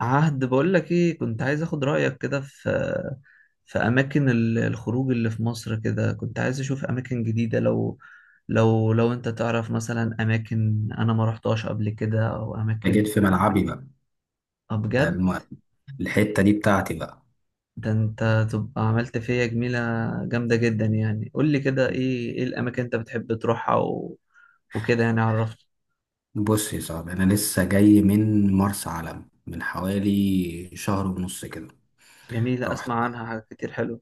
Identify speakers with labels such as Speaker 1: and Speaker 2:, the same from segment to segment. Speaker 1: عهد بقول لك ايه كنت عايز اخد رأيك كده في اماكن الخروج اللي في مصر كده، كنت عايز اشوف اماكن جديدة. لو انت تعرف مثلا اماكن انا ما رحتهاش قبل كده او
Speaker 2: جيت
Speaker 1: اماكن.
Speaker 2: في ملعبي بقى.
Speaker 1: آه
Speaker 2: ده
Speaker 1: بجد.
Speaker 2: الم... الحتة دي بتاعتي بقى.
Speaker 1: ده انت تبقى عملت فيا جميلة جامدة جدا. يعني قول لي كده ايه الاماكن انت بتحب تروحها و... وكده، يعني عرفت.
Speaker 2: بص يا صاحبي، أنا لسه جاي من مرسى علم من حوالي شهر ونص كده.
Speaker 1: جميلة،
Speaker 2: رحت
Speaker 1: اسمع عنها حاجات كتير حلوة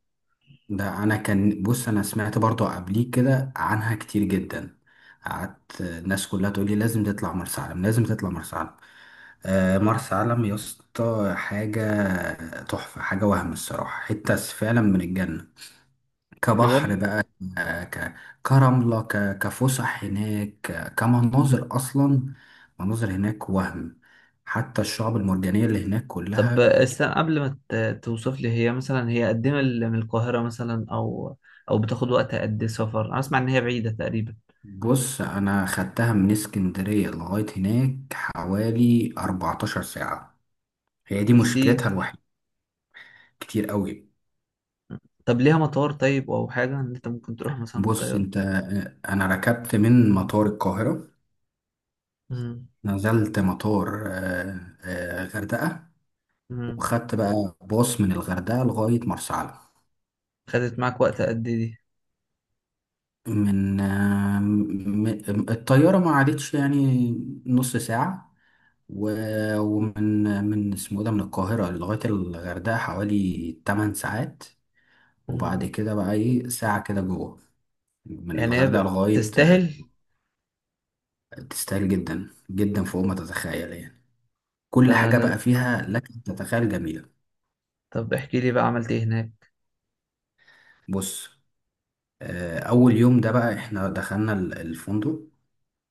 Speaker 2: ده أنا كان بص أنا سمعت برضو قبليك كده عنها كتير جدا. قعدت الناس كلها تقول لي لازم تطلع مرسى علم، مرسى علم يا اسطى حاجة تحفة، حاجة وهم الصراحة، حتة فعلا من الجنة.
Speaker 1: بجد.
Speaker 2: كبحر بقى، ك- كرملة، كفسح هناك، كمناظر أصلا. مناظر هناك وهم. حتى الشعب المرجانية اللي هناك
Speaker 1: طب
Speaker 2: كلها.
Speaker 1: استنى، قبل ما توصف لي، هي مثلا هي قد ايه من القاهرة مثلا، او بتاخد وقت قد ايه سفر؟ انا اسمع ان هي بعيدة تقريبا.
Speaker 2: بص، أنا خدتها من اسكندرية لغاية هناك حوالي 14 ساعة. هي دي
Speaker 1: كتير.
Speaker 2: مشكلتها الوحيدة. كتير قوي.
Speaker 1: طب ليها مطار طيب، او حاجة ان انت ممكن تروح مثلا
Speaker 2: بص
Speaker 1: بطيارة؟
Speaker 2: أنت أنا ركبت من مطار القاهرة،
Speaker 1: امم
Speaker 2: نزلت مطار غردقة،
Speaker 1: امم
Speaker 2: وخدت بقى باص من الغردقة لغاية مرسى علم.
Speaker 1: خدت معاك وقت قد ايه دي؟
Speaker 2: من آه، م- م- الطيارة ما عادتش يعني نص ساعة. ومن اسمه إيه ده، من القاهرة لغاية الغردقة حوالي 8 ساعات، وبعد
Speaker 1: امم
Speaker 2: كده بقى ايه ساعة كده جوه من
Speaker 1: يعني هي
Speaker 2: الغردقة
Speaker 1: ب-
Speaker 2: لغاية.
Speaker 1: تستاهل
Speaker 2: تستاهل جدا جدا، فوق ما تتخيل يعني. كل
Speaker 1: ده
Speaker 2: حاجة بقى
Speaker 1: لا.
Speaker 2: فيها لك أن تتخيل جميلة.
Speaker 1: طب احكي لي بقى، عملت ايه هناك؟
Speaker 2: بص، أول يوم ده بقى احنا دخلنا الفندق،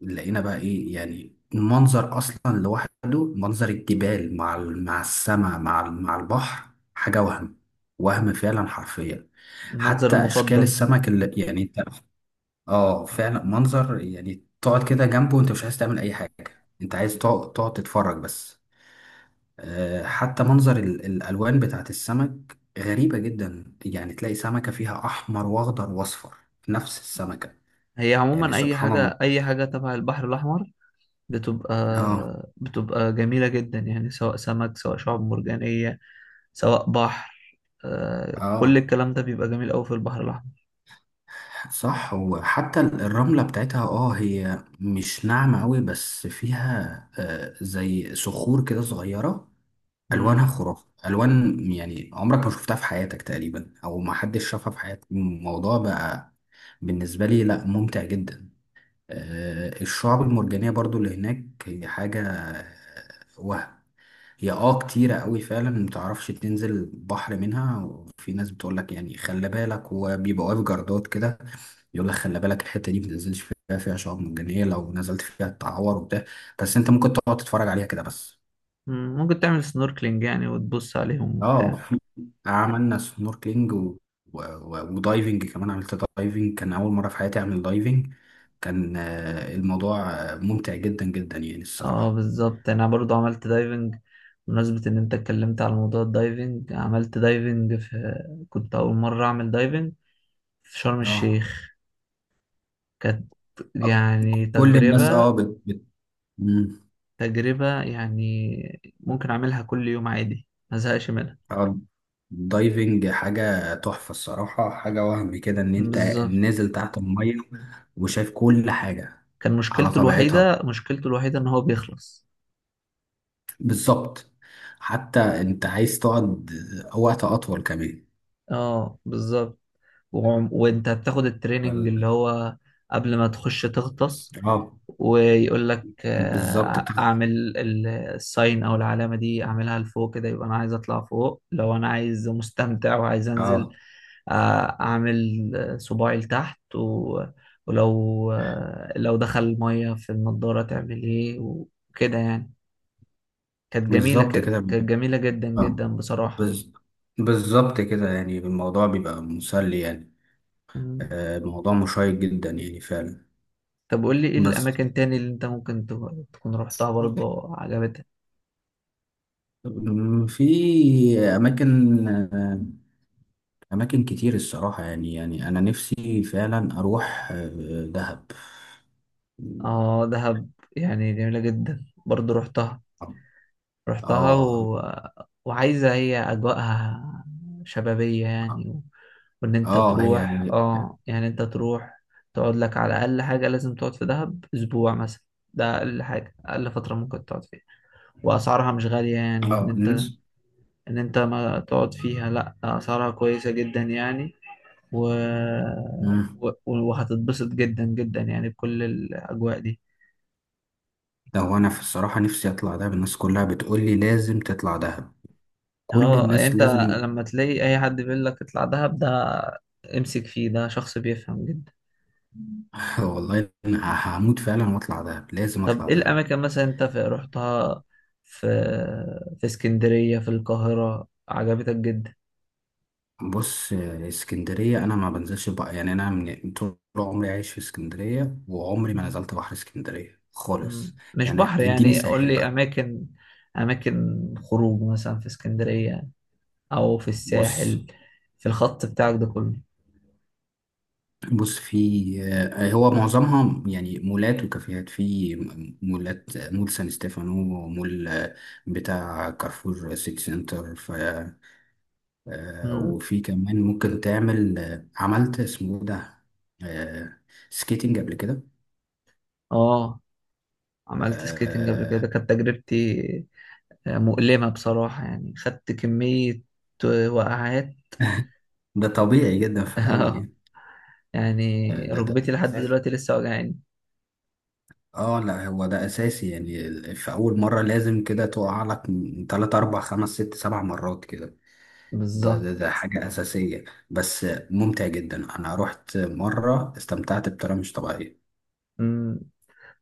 Speaker 2: لقينا بقى ايه يعني المنظر اصلا لوحده، منظر الجبال مع مع السماء مع مع البحر، حاجه وهم وهم فعلا حرفيا.
Speaker 1: المنظر
Speaker 2: حتى اشكال
Speaker 1: المفضل.
Speaker 2: السمك اللي يعني انت، اه فعلا منظر، يعني تقعد كده جنبه وانت مش عايز تعمل اي حاجه، انت عايز تقعد تقعد تتفرج بس. حتى منظر الالوان بتاعت السمك غريبه جدا، يعني تلاقي سمكه فيها احمر واخضر واصفر في نفس السمكه.
Speaker 1: هي
Speaker 2: يعني
Speaker 1: عموما اي
Speaker 2: سبحان الله.
Speaker 1: حاجة، اي حاجة تبع البحر الاحمر بتبقى
Speaker 2: اه.
Speaker 1: بتبقى جميلة جدا، يعني سواء سمك، سواء شعاب مرجانية، سواء بحر. كل
Speaker 2: اه
Speaker 1: الكلام ده بيبقى جميل أوي في البحر الأحمر.
Speaker 2: صح. وحتى الرملة بتاعتها اه هي مش ناعمة قوي بس فيها زي صخور كده صغيرة. ألوانها
Speaker 1: مم.
Speaker 2: خرافة ألوان، يعني عمرك ما شفتها في حياتك تقريبا، أو ما حدش شافها في حياتك. الموضوع بقى بالنسبة لي لا، ممتع جدا. الشعاب المرجانية برضو اللي هناك هي حاجة وهم. هي اه كتيرة قوي فعلا، متعرفش تنزل البحر منها، وفي ناس بتقولك يعني خلي بالك، وبيبقى واقف جردات كده، يقولك خلي بالك الحتة دي متنزلش فيها، فيها شعاب مرجانية، لو نزلت فيها تتعور وبتاع، بس انت ممكن تقعد تتفرج عليها كده بس.
Speaker 1: مم. ممكن تعمل سنوركلينج يعني وتبص عليهم
Speaker 2: اه
Speaker 1: وبتاع.
Speaker 2: في- عملنا سنوركلينج و ودايفنج كمان. عملت دايفنج، كان أول مرة في حياتي أعمل دايفنج. كان الموضوع ممتع جدا جدا يعني
Speaker 1: اه
Speaker 2: الصراحة.
Speaker 1: بالظبط، أنا برضو عملت دايفنج. بمناسبة إن أنت اتكلمت على موضوع الدايفنج، عملت دايفنج في، كنت أول مرة أعمل دايفنج في شرم
Speaker 2: اه
Speaker 1: الشيخ. كانت يعني
Speaker 2: كل الناس اه
Speaker 1: تجربة
Speaker 2: مم.
Speaker 1: تجربة يعني ممكن أعملها كل يوم عادي ما زهقش منها.
Speaker 2: آه، الدايفنج حاجة تحفة الصراحة، حاجة وهم كده، إن أنت
Speaker 1: بالظبط.
Speaker 2: نازل تحت المية وشايف كل حاجة
Speaker 1: كان
Speaker 2: على
Speaker 1: مشكلته
Speaker 2: طبيعتها.
Speaker 1: الوحيدة مشكلته الوحيدة إن هو بيخلص.
Speaker 2: بالظبط. حتى أنت عايز تقعد وقت أطول كمان.
Speaker 1: اه بالظبط. وانت هتاخد التريننج
Speaker 2: فال...
Speaker 1: اللي هو قبل ما تخش تغطس،
Speaker 2: آه
Speaker 1: ويقول لك
Speaker 2: بالظبط بتاع.
Speaker 1: اعمل الساين او العلامه دي. اعملها لفوق كده يبقى انا عايز اطلع فوق، لو انا عايز مستمتع وعايز انزل
Speaker 2: آه
Speaker 1: اعمل صباعي لتحت، ولو لو دخل الميه في النضاره تعمل ايه، وكده يعني.
Speaker 2: بالظبط كده.
Speaker 1: كانت جميله جدا
Speaker 2: آه
Speaker 1: جدا بصراحه.
Speaker 2: بز... بالظبط كده، يعني الموضوع بيبقى مسلي يعني. آه الموضوع مشيق جدا يعني فعلا.
Speaker 1: طب قول لي ايه
Speaker 2: بس
Speaker 1: الاماكن تاني اللي انت ممكن تكون رحتها برضه عجبتك؟
Speaker 2: في أماكن أماكن كتير الصراحة، يعني يعني أنا نفسي فعلا أروح دهب.
Speaker 1: اه دهب، يعني جميلة جدا برضه رحتها
Speaker 2: آه.
Speaker 1: و... وعايزة. هي اجواءها شبابية، يعني و... وان انت
Speaker 2: آه هي.
Speaker 1: تروح. اه يعني انت تروح تقعد لك على اقل حاجة، لازم تقعد في دهب اسبوع مثلا. ده اقل حاجة، اقل فترة ممكن تقعد فيها. واسعارها مش غالية، يعني ان
Speaker 2: آه
Speaker 1: انت
Speaker 2: الناس.
Speaker 1: ان انت ما تقعد فيها. لا، اسعارها كويسة جدا يعني و...
Speaker 2: أمم،
Speaker 1: و... وهتتبسط جدا جدا يعني بكل الأجواء دي.
Speaker 2: ده هو أنا في الصراحة نفسي أطلع دهب، الناس كلها بتقول لي لازم تطلع دهب، كل
Speaker 1: اه، يعني
Speaker 2: الناس
Speaker 1: انت
Speaker 2: لازم.
Speaker 1: لما تلاقي اي حد بيقول لك اطلع دهب، ده امسك فيه، ده شخص بيفهم جدا.
Speaker 2: والله أنا هموت فعلا وأطلع دهب، لازم
Speaker 1: طب
Speaker 2: أطلع
Speaker 1: ايه
Speaker 2: دهب.
Speaker 1: الاماكن مثلا انت رحتها في في اسكندرية، في القاهرة، عجبتك جدا؟
Speaker 2: بص، اسكندرية أنا ما بنزلش بقى يعني، أنا من طول عمري عايش في اسكندرية وعمري ما
Speaker 1: مم.
Speaker 2: نزلت بحر اسكندرية
Speaker 1: مم.
Speaker 2: خالص،
Speaker 1: مش
Speaker 2: يعني
Speaker 1: بحر،
Speaker 2: اديني
Speaker 1: يعني قول
Speaker 2: ساحل
Speaker 1: لي
Speaker 2: بقى.
Speaker 1: اماكن خروج مثلا في اسكندرية او في
Speaker 2: بص
Speaker 1: الساحل، في الخط بتاعك ده كله.
Speaker 2: بص في آه، هو معظمها يعني مولات وكافيهات، في مولات، مول سان ستيفانو، ومول بتاع كارفور سيتي سنتر، ف
Speaker 1: مم.
Speaker 2: وفي كمان ممكن تعمل عملت اسمه إيه ده، آه، سكيتنج قبل كده.
Speaker 1: اه عملت سكيتنج قبل
Speaker 2: آه،
Speaker 1: كده، كانت تجربتي مؤلمة بصراحة. يعني خدت كمية وقعات.
Speaker 2: ده طبيعي جدا في الأول يعني.
Speaker 1: يعني
Speaker 2: ده ده
Speaker 1: ركبتي لحد
Speaker 2: اساسي.
Speaker 1: دلوقتي لسه وجعاني.
Speaker 2: اه لا هو ده اساسي يعني، في اول مره لازم كده تقع لك من تلات اربع خمس ست سبع مرات كده. ده
Speaker 1: بالظبط.
Speaker 2: ده ده حاجه اساسيه، بس ممتع جدا. انا رحت مره استمتعت بطريقه مش طبيعيه.
Speaker 1: مم.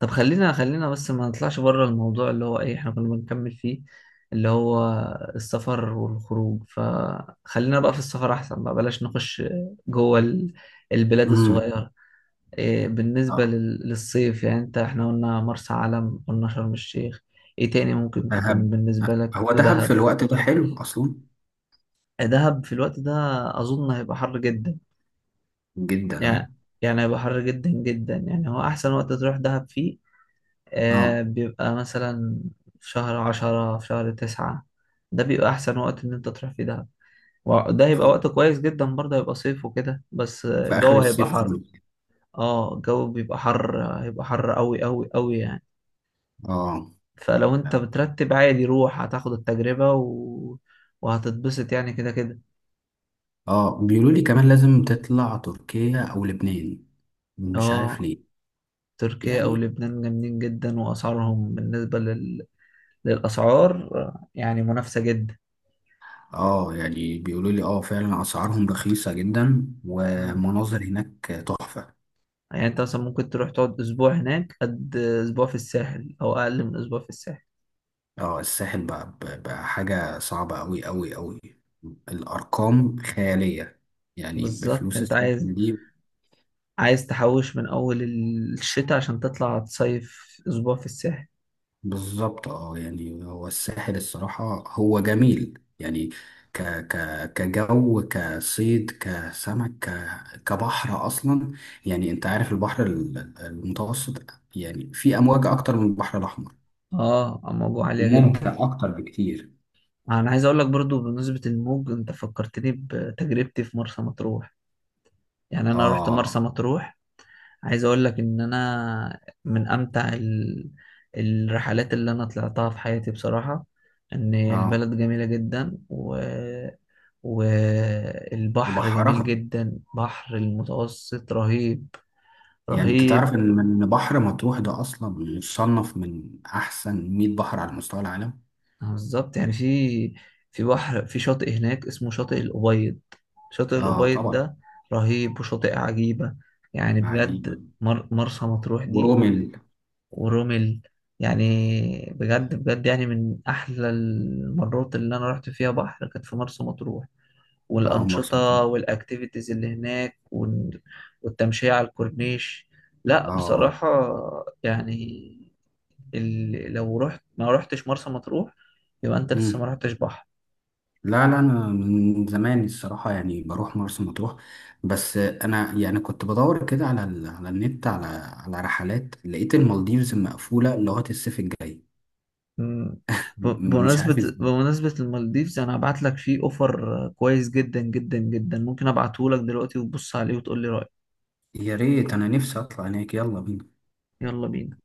Speaker 1: طب خلينا بس ما نطلعش بره الموضوع اللي هو ايه احنا كنا بنكمل فيه، اللي هو السفر والخروج. فخلينا بقى في السفر احسن، بقى بلاش نخش جوه البلاد
Speaker 2: امم.
Speaker 1: الصغيرة. إيه بالنسبة
Speaker 2: اه
Speaker 1: للصيف؟ يعني انت، احنا قلنا مرسى علم، قلنا شرم الشيخ، ايه تاني ممكن تكون
Speaker 2: دهب.
Speaker 1: بالنسبة لك؟
Speaker 2: هو دهب في
Speaker 1: ودهب.
Speaker 2: الوقت ده حلو اصلا.
Speaker 1: دهب في الوقت ده اظن هيبقى حر جدا.
Speaker 2: جدا اه.
Speaker 1: يعني يعني هيبقى حر جدا جدا، يعني هو احسن وقت تروح دهب فيه؟
Speaker 2: اه.
Speaker 1: بيبقى مثلا في شهر 10، في شهر 9. ده بيبقى احسن وقت ان انت تروح فيه دهب. وده هيبقى
Speaker 2: ف-
Speaker 1: وقت كويس جدا برضه، هيبقى صيف وكده، بس
Speaker 2: في اخر
Speaker 1: الجو هيبقى
Speaker 2: الصيف
Speaker 1: حر.
Speaker 2: خالص.
Speaker 1: اه الجو بيبقى حر، هيبقى حر قوي قوي قوي يعني.
Speaker 2: اه.
Speaker 1: فلو انت بترتب عادي روح، هتاخد التجربة و... وهتتبسط يعني كده كده.
Speaker 2: اه بيقولوا لي كمان لازم تطلع تركيا او لبنان، مش عارف
Speaker 1: اه
Speaker 2: ليه.
Speaker 1: تركيا او
Speaker 2: يعني
Speaker 1: لبنان جامدين جدا، واسعارهم بالنسبة للاسعار يعني منافسة جدا.
Speaker 2: اه، يعني بيقولوا لي اه فعلا اسعارهم رخيصة جدا
Speaker 1: مم.
Speaker 2: ومناظر هناك تحفة.
Speaker 1: يعني انت مثلا ممكن تروح تقعد اسبوع هناك، قد اسبوع في الساحل او اقل من اسبوع في الساحل.
Speaker 2: اه الساحل بقى, بقى حاجة صعبة اوي اوي اوي، الارقام خيالية يعني،
Speaker 1: بالظبط
Speaker 2: بفلوس
Speaker 1: انت عايز
Speaker 2: الساحل دي.
Speaker 1: عايز تحوش من اول الشتاء عشان تطلع تصيف اسبوع في الساحل.
Speaker 2: بالظبط اه، يعني هو الساحل الصراحة هو جميل يعني، ك ك كجو، كصيد، كسمك، كبحر اصلا. يعني انت عارف البحر المتوسط، يعني في امواج اكتر من البحر الاحمر
Speaker 1: اه الموضوع عالية جدا.
Speaker 2: وممتع اكتر بكتير.
Speaker 1: انا عايز اقول لك برضو، بمناسبة الموج، انت فكرتني بتجربتي في مرسى مطروح. يعني انا رحت مرسى
Speaker 2: اه.
Speaker 1: مطروح، عايز اقول لك ان انا من امتع الرحلات اللي انا طلعتها في حياتي بصراحة. ان
Speaker 2: اه
Speaker 1: البلد جميلة جدا و... والبحر جميل
Speaker 2: وبحرها.
Speaker 1: جدا، بحر المتوسط رهيب.
Speaker 2: يعني انت
Speaker 1: رهيب.
Speaker 2: تعرف ان إن بحر مطروح ده اصلا مصنف من احسن 100 بحر على مستوى العالم.
Speaker 1: بالظبط. يعني في بحر، في شاطئ هناك اسمه شاطئ الأبيض. شاطئ
Speaker 2: اه
Speaker 1: الأبيض
Speaker 2: طبعا.
Speaker 1: ده رهيب، وشاطئ عجيبة. يعني
Speaker 2: عجيب.
Speaker 1: بجد، مرسى مطروح دي.
Speaker 2: ورومل.
Speaker 1: ورمل. يعني بجد بجد، يعني من أحلى المرات اللي أنا رحت فيها بحر كانت في مرسى مطروح،
Speaker 2: اه مرسى
Speaker 1: والأنشطة
Speaker 2: مطروح.
Speaker 1: والأكتيفيتيز اللي هناك والتمشية على الكورنيش. لا
Speaker 2: اه.
Speaker 1: بصراحة، يعني لو رحت ما رحتش مرسى مطروح، يبقى أنت لسه
Speaker 2: مم.
Speaker 1: ما رحتش بحر.
Speaker 2: لا لا انا من زمان الصراحه يعني بروح مرسى مطروح، بس انا يعني كنت بدور كده على على النت، على رحلات، لقيت المالديفز مقفوله لغايه الصيف الجاي.
Speaker 1: مم. ب-
Speaker 2: مش
Speaker 1: بمناسبة
Speaker 2: عارف.
Speaker 1: بمناسبة المالديفز، أنا هبعت لك فيه أوفر كويس جدا جدا جدا. ممكن أبعته لك دلوقتي وتبص عليه وتقول لي رأيك.
Speaker 2: يا ريت، انا نفسي اطلع هناك، يلا بينا.
Speaker 1: يلا بينا.